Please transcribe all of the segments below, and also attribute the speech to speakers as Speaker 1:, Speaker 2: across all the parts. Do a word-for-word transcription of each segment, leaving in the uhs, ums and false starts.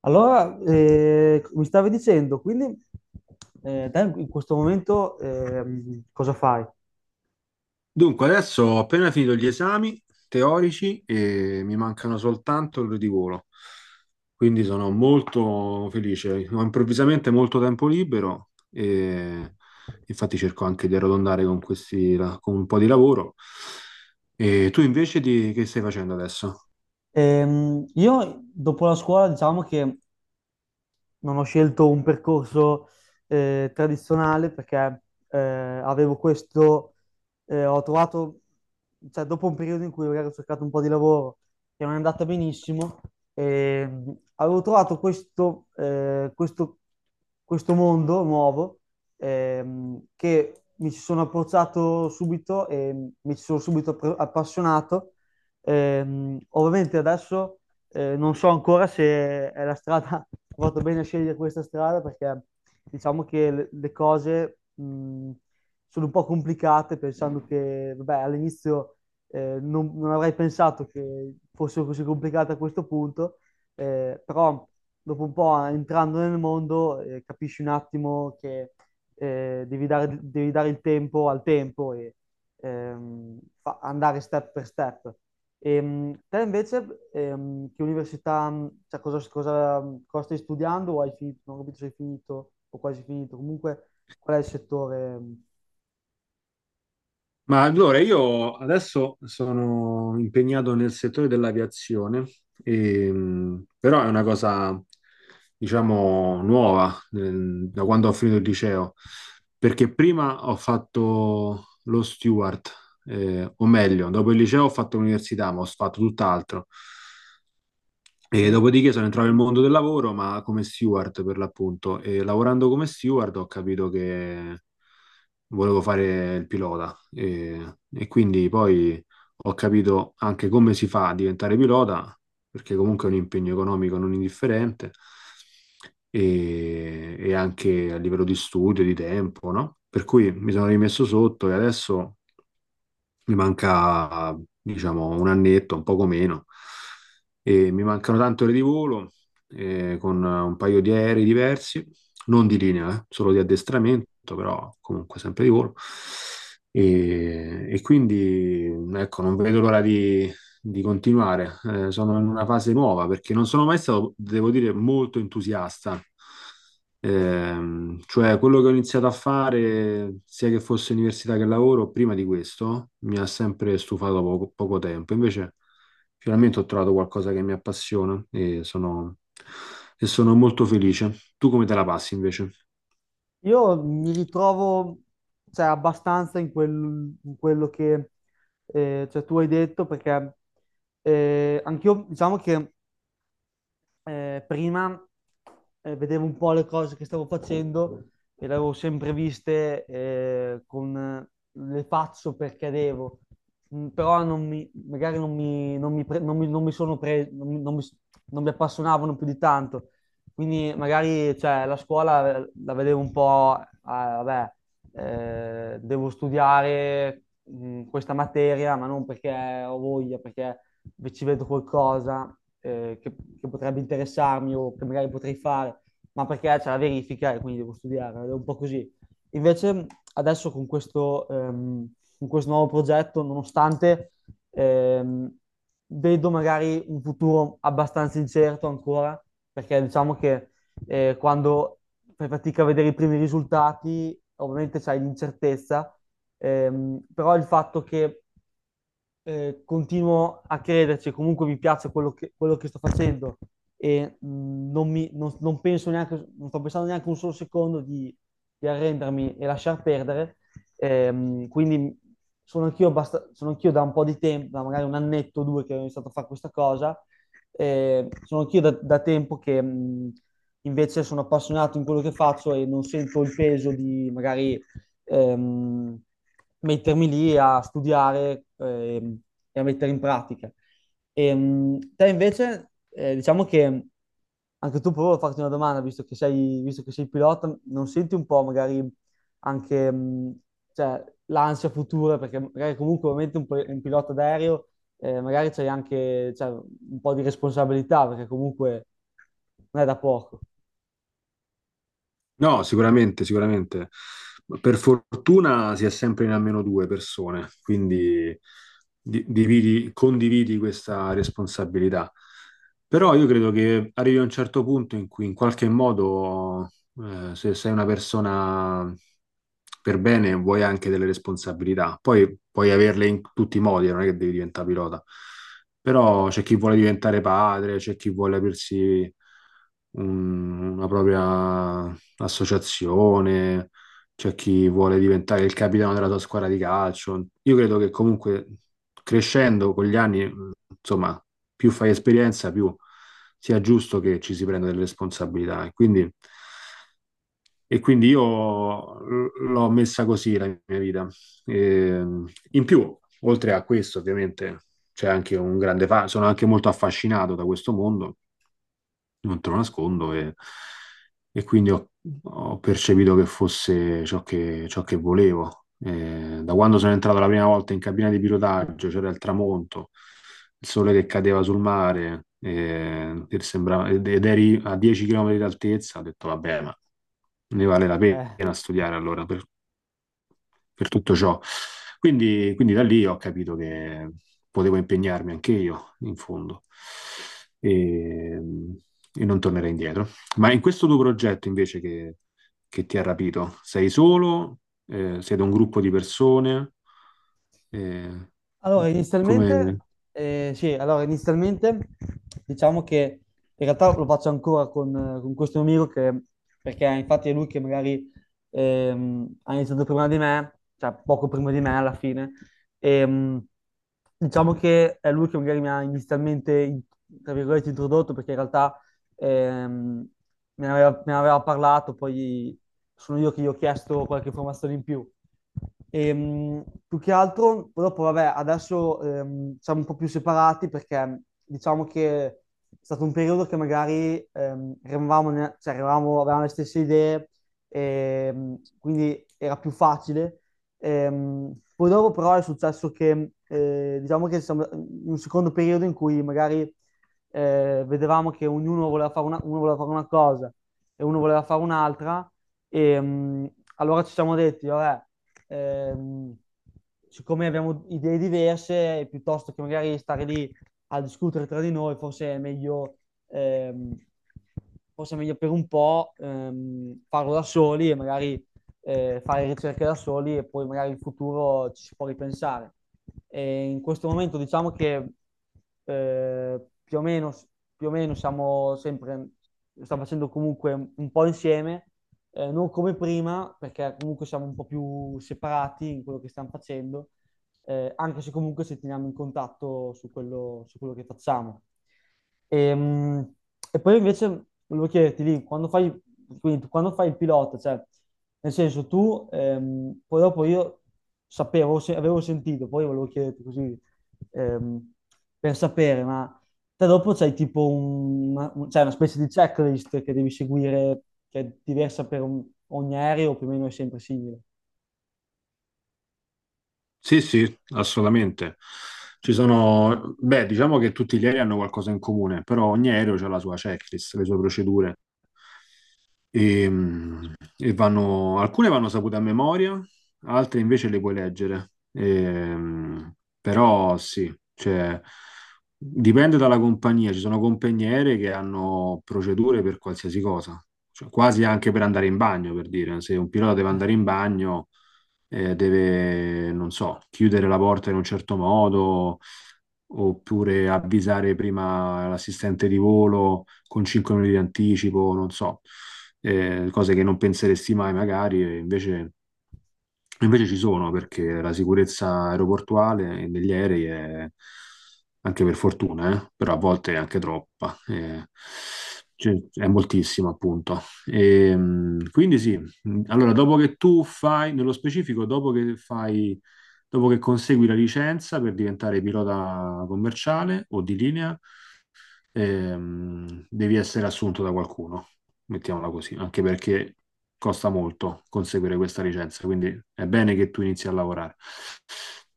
Speaker 1: Allora, eh, mi stavi dicendo, quindi eh, te in questo momento, ehm, cosa fai?
Speaker 2: Dunque, adesso ho appena finito gli esami teorici e mi mancano soltanto quelli di volo, quindi sono molto felice. Ho improvvisamente molto tempo libero e infatti cerco anche di arrotondare con questi, con un po' di lavoro. E tu invece di, che stai facendo adesso?
Speaker 1: Ehm, io dopo la scuola diciamo che non ho scelto un percorso eh, tradizionale perché eh, avevo questo, eh, ho trovato, cioè dopo un periodo in cui magari ho cercato un po' di lavoro che non è andata benissimo, ehm, avevo trovato questo, eh, questo, questo mondo nuovo, ehm, che mi ci sono approcciato subito e mi ci sono subito appro- appassionato. Ehm, ovviamente adesso, eh, non so ancora se è la strada, ho fatto bene a scegliere questa strada, perché diciamo che le, le cose mh, sono un po' complicate, pensando che, vabbè, all'inizio eh, non, non avrei pensato che fosse così complicata a questo punto, eh, però dopo un po' entrando nel mondo, eh, capisci un attimo che eh, devi dare, devi dare il tempo al tempo e ehm, fa- andare step per step. Ehm, te invece, ehm, che università, mh, cioè cosa, cosa- cosa stai studiando o hai finito? Non ho capito se hai finito o quasi finito. Comunque, qual è il settore? Mh?
Speaker 2: Ma allora io adesso sono impegnato nel settore dell'aviazione, e, mh, però è una cosa, diciamo, nuova eh, da quando ho finito il liceo, perché prima ho fatto lo steward, eh, o meglio, dopo il liceo ho fatto l'università, ma ho fatto tutt'altro. E
Speaker 1: Sì.
Speaker 2: dopodiché sono entrato nel mondo del lavoro, ma come steward per l'appunto. E lavorando come steward ho capito che volevo fare il pilota. E, e quindi poi ho capito anche come si fa a diventare pilota, perché comunque è un impegno economico non indifferente, e, e anche a livello di studio, di tempo, no? Per cui mi sono rimesso sotto e adesso mi manca, diciamo, un annetto, un poco meno, e mi mancano tante ore di volo, eh, con un paio di aerei diversi, non di linea, eh, solo di addestramento, però comunque sempre di volo. E, e quindi, ecco, non vedo l'ora di, di, continuare. Eh, sono in una fase nuova perché non sono mai stato, devo dire, molto entusiasta. Ehm, cioè, quello che ho iniziato a fare, sia che fosse università che lavoro, prima di questo, mi ha sempre stufato poco, poco tempo. Invece, finalmente ho trovato qualcosa che mi appassiona e sono, e sono molto felice. Tu come te la passi invece?
Speaker 1: Io mi ritrovo, cioè, abbastanza in, quel- in quello che eh, cioè, tu hai detto, perché eh, anch'io, diciamo che eh, prima eh, vedevo un po' le cose che stavo facendo e le avevo sempre viste, eh, con eh, le faccio perché devo. Mm, però non mi, magari non mi, non mi pre- non mi- non mi sono preso, non mi, non mi- non mi appassionavano più di tanto. Quindi magari cioè, la scuola, eh, la vedevo un po', ah, vabbè, eh, devo studiare mh, questa materia, ma non perché ho voglia, perché ci vedo qualcosa eh, che, che potrebbe interessarmi o che magari potrei fare, ma perché c'è la verifica e quindi devo studiare, è un po' così. Invece adesso con questo, ehm, con questo nuovo progetto, nonostante ehm, vedo magari un futuro abbastanza incerto ancora, perché diciamo che eh, quando fai fatica a vedere i primi risultati, ovviamente c'hai l'incertezza, ehm, però il fatto che eh, continuo a crederci, comunque mi piace quello che, quello che sto facendo, e mh, non, mi, non, non penso neanche, non sto pensando neanche un solo secondo di, di arrendermi e lasciar perdere. Ehm, quindi sono anch'io abbast- sono anch'io da un po' di tempo, da magari un annetto o due che ho iniziato a fare questa cosa, eh, sono anch'io da, da tempo che mh, invece sono appassionato in quello che faccio e non sento il peso di magari ehm, mettermi lì a studiare ehm, e a mettere in pratica. Ehm, te invece, eh, diciamo che anche tu, provo a farti una domanda, visto che sei, visto che sei pilota, non senti un po' magari anche mh, cioè, l'ansia futura, perché magari comunque ovviamente un, pi- un pilota d'aereo, eh, magari c'hai anche cioè, un po' di responsabilità, perché comunque non è da poco.
Speaker 2: No, sicuramente, sicuramente. Ma per fortuna si è sempre in almeno due persone, quindi di- dividi- condividi questa responsabilità. Però io credo che arrivi a un certo punto in cui in qualche modo, eh, se sei una persona per bene, vuoi anche delle responsabilità. Poi puoi averle in tutti i modi, non è che devi diventare pilota. Però c'è chi vuole diventare padre, c'è chi vuole aprirsi un- una propria associazione, c'è chi vuole diventare il capitano della sua squadra di calcio. Io credo che comunque crescendo con gli anni, insomma, più fai esperienza, più sia giusto che ci si prenda delle responsabilità. E Quindi e quindi io l'ho messa così la mia vita. E, in più, oltre a questo, ovviamente, c'è anche un grande fa- sono anche molto affascinato da questo mondo non te lo nascondo, e, e quindi ho, ho, percepito che fosse ciò che, ciò che volevo. Eh, da quando sono entrato la prima volta in cabina di pilotaggio, c'era il tramonto, il sole che cadeva sul mare, eh, e sembrava- ed ed eri a dieci chilometri d'altezza, ho detto, vabbè, ma ne vale la
Speaker 1: Eh.
Speaker 2: pena studiare allora. per- per tutto ciò. Quindi, quindi da lì ho capito che potevo impegnarmi anche io, in fondo, e, e non tornerei indietro. Ma in questo tuo progetto invece che, che ti ha rapito, sei solo? Eh, siete un gruppo di persone? Eh,
Speaker 1: Allora, inizialmente,
Speaker 2: come...
Speaker 1: eh, sì, allora, inizialmente diciamo che in realtà lo faccio ancora con, eh, con questo mio amico che, perché infatti è lui che magari ehm, ha iniziato prima di me, cioè poco prima di me alla fine. Ehm, diciamo che è lui che magari mi ha inizialmente, in- tra virgolette introdotto, perché in realtà ehm, me ne aveva, me ne aveva parlato, poi sono io che gli ho chiesto qualche informazione in più. Ehm, più che altro, dopo, vabbè, adesso ehm, siamo un po' più separati perché diciamo che è stato un periodo che magari ehm, eravamo, ne- cioè, eravamo- avevamo le stesse idee, ehm, quindi era più facile. Ehm, poi dopo però è successo che, eh, diciamo che siamo in un secondo periodo in cui magari eh, vedevamo che ognuno voleva fare una, uno voleva fare una cosa e uno voleva fare un'altra, e mh, allora ci siamo detti, vabbè, ehm, siccome abbiamo idee diverse, piuttosto che magari stare lì a discutere tra di noi, forse è meglio, ehm, forse è meglio per un po' ehm, farlo da soli e magari eh, fare ricerche da soli e poi magari in futuro ci si può ripensare. E in questo momento diciamo che eh, più o meno, più o meno siamo sempre, stiamo facendo comunque un po' insieme, eh, non come prima, perché comunque siamo un po' più separati in quello che stiamo facendo, eh, anche se comunque ci teniamo in contatto su quello, su quello che facciamo. E, mh, e poi invece volevo chiederti lì, quando fai, quindi tu quando fai il pilota, cioè nel senso, tu, ehm, poi dopo io sapevo, se- avevo sentito, poi volevo chiederti così, ehm, per sapere, ma te dopo c'hai tipo un- una, un- c'hai una specie di checklist che devi seguire, che è diversa per un- ogni aereo, o più o meno è sempre simile.
Speaker 2: Sì, sì, assolutamente. Ci sono, beh, diciamo che tutti gli aerei hanno qualcosa in comune, però ogni aereo ha la sua checklist, le sue procedure. E, mh, e vanno, alcune vanno sapute a memoria, altre invece le puoi leggere. E, mh, però sì, cioè, dipende dalla compagnia. Ci sono compagniere che hanno procedure per qualsiasi cosa. Cioè, quasi anche per andare in bagno, per dire. Se un pilota deve andare in bagno, eh, deve, non so, chiudere la porta in un certo modo oppure avvisare prima l'assistente di volo con cinque minuti di anticipo, non so, eh, cose che non penseresti mai magari, e invece Invece ci sono perché la sicurezza aeroportuale e negli aerei è anche per fortuna, eh, però a volte è anche troppa, eh, cioè, è moltissima appunto. E, mh, quindi sì, mh, allora dopo che tu fai, nello specifico, dopo che fai, dopo che consegui la licenza per diventare pilota commerciale o di linea, ehm, devi essere assunto da qualcuno, mettiamola così, anche perché costa molto conseguire questa licenza, quindi è bene che tu inizi a lavorare.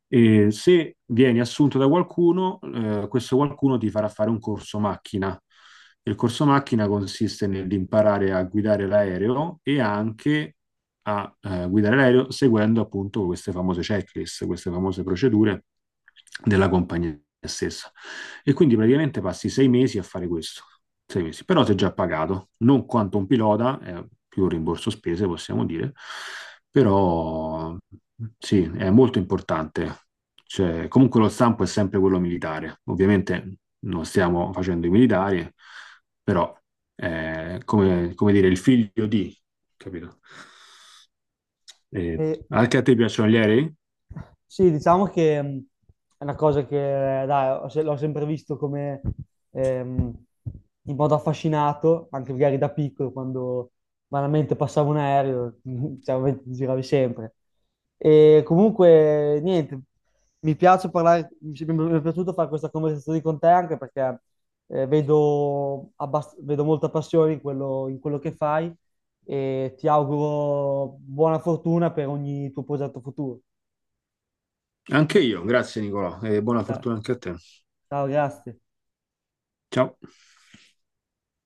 Speaker 2: E se vieni assunto da qualcuno, eh, questo qualcuno ti farà fare un corso macchina. Il corso macchina consiste nell'imparare a guidare l'aereo e anche a eh, guidare l'aereo seguendo appunto queste famose checklist, queste famose procedure della compagnia stessa. E quindi praticamente passi sei mesi a fare questo, sei mesi, però sei già pagato, non quanto un pilota, è più un rimborso spese possiamo dire, però sì, è molto importante. Cioè, comunque lo stampo è sempre quello militare, ovviamente non stiamo facendo i militari, però eh, come, come dire, il figlio di, capito? Eh, anche a te piacciono gli aerei?
Speaker 1: Sì, diciamo che mh, è una cosa che, eh, dai, ho se- l'ho sempre visto come ehm, in modo affascinato, anche magari da piccolo, quando vanamente passavo un aereo, cioè, ovviamente ti giravi sempre. E comunque, niente, mi piace parlare, mi mi è piaciuto fare questa conversazione con te, anche perché eh, vedo, abbast- vedo molta passione in quello, in quello che fai, e ti auguro buona fortuna per ogni tuo progetto futuro.
Speaker 2: Anche io, grazie Nicolò, e buona
Speaker 1: Eh.
Speaker 2: fortuna anche a te.
Speaker 1: Ciao, grazie.
Speaker 2: Ciao.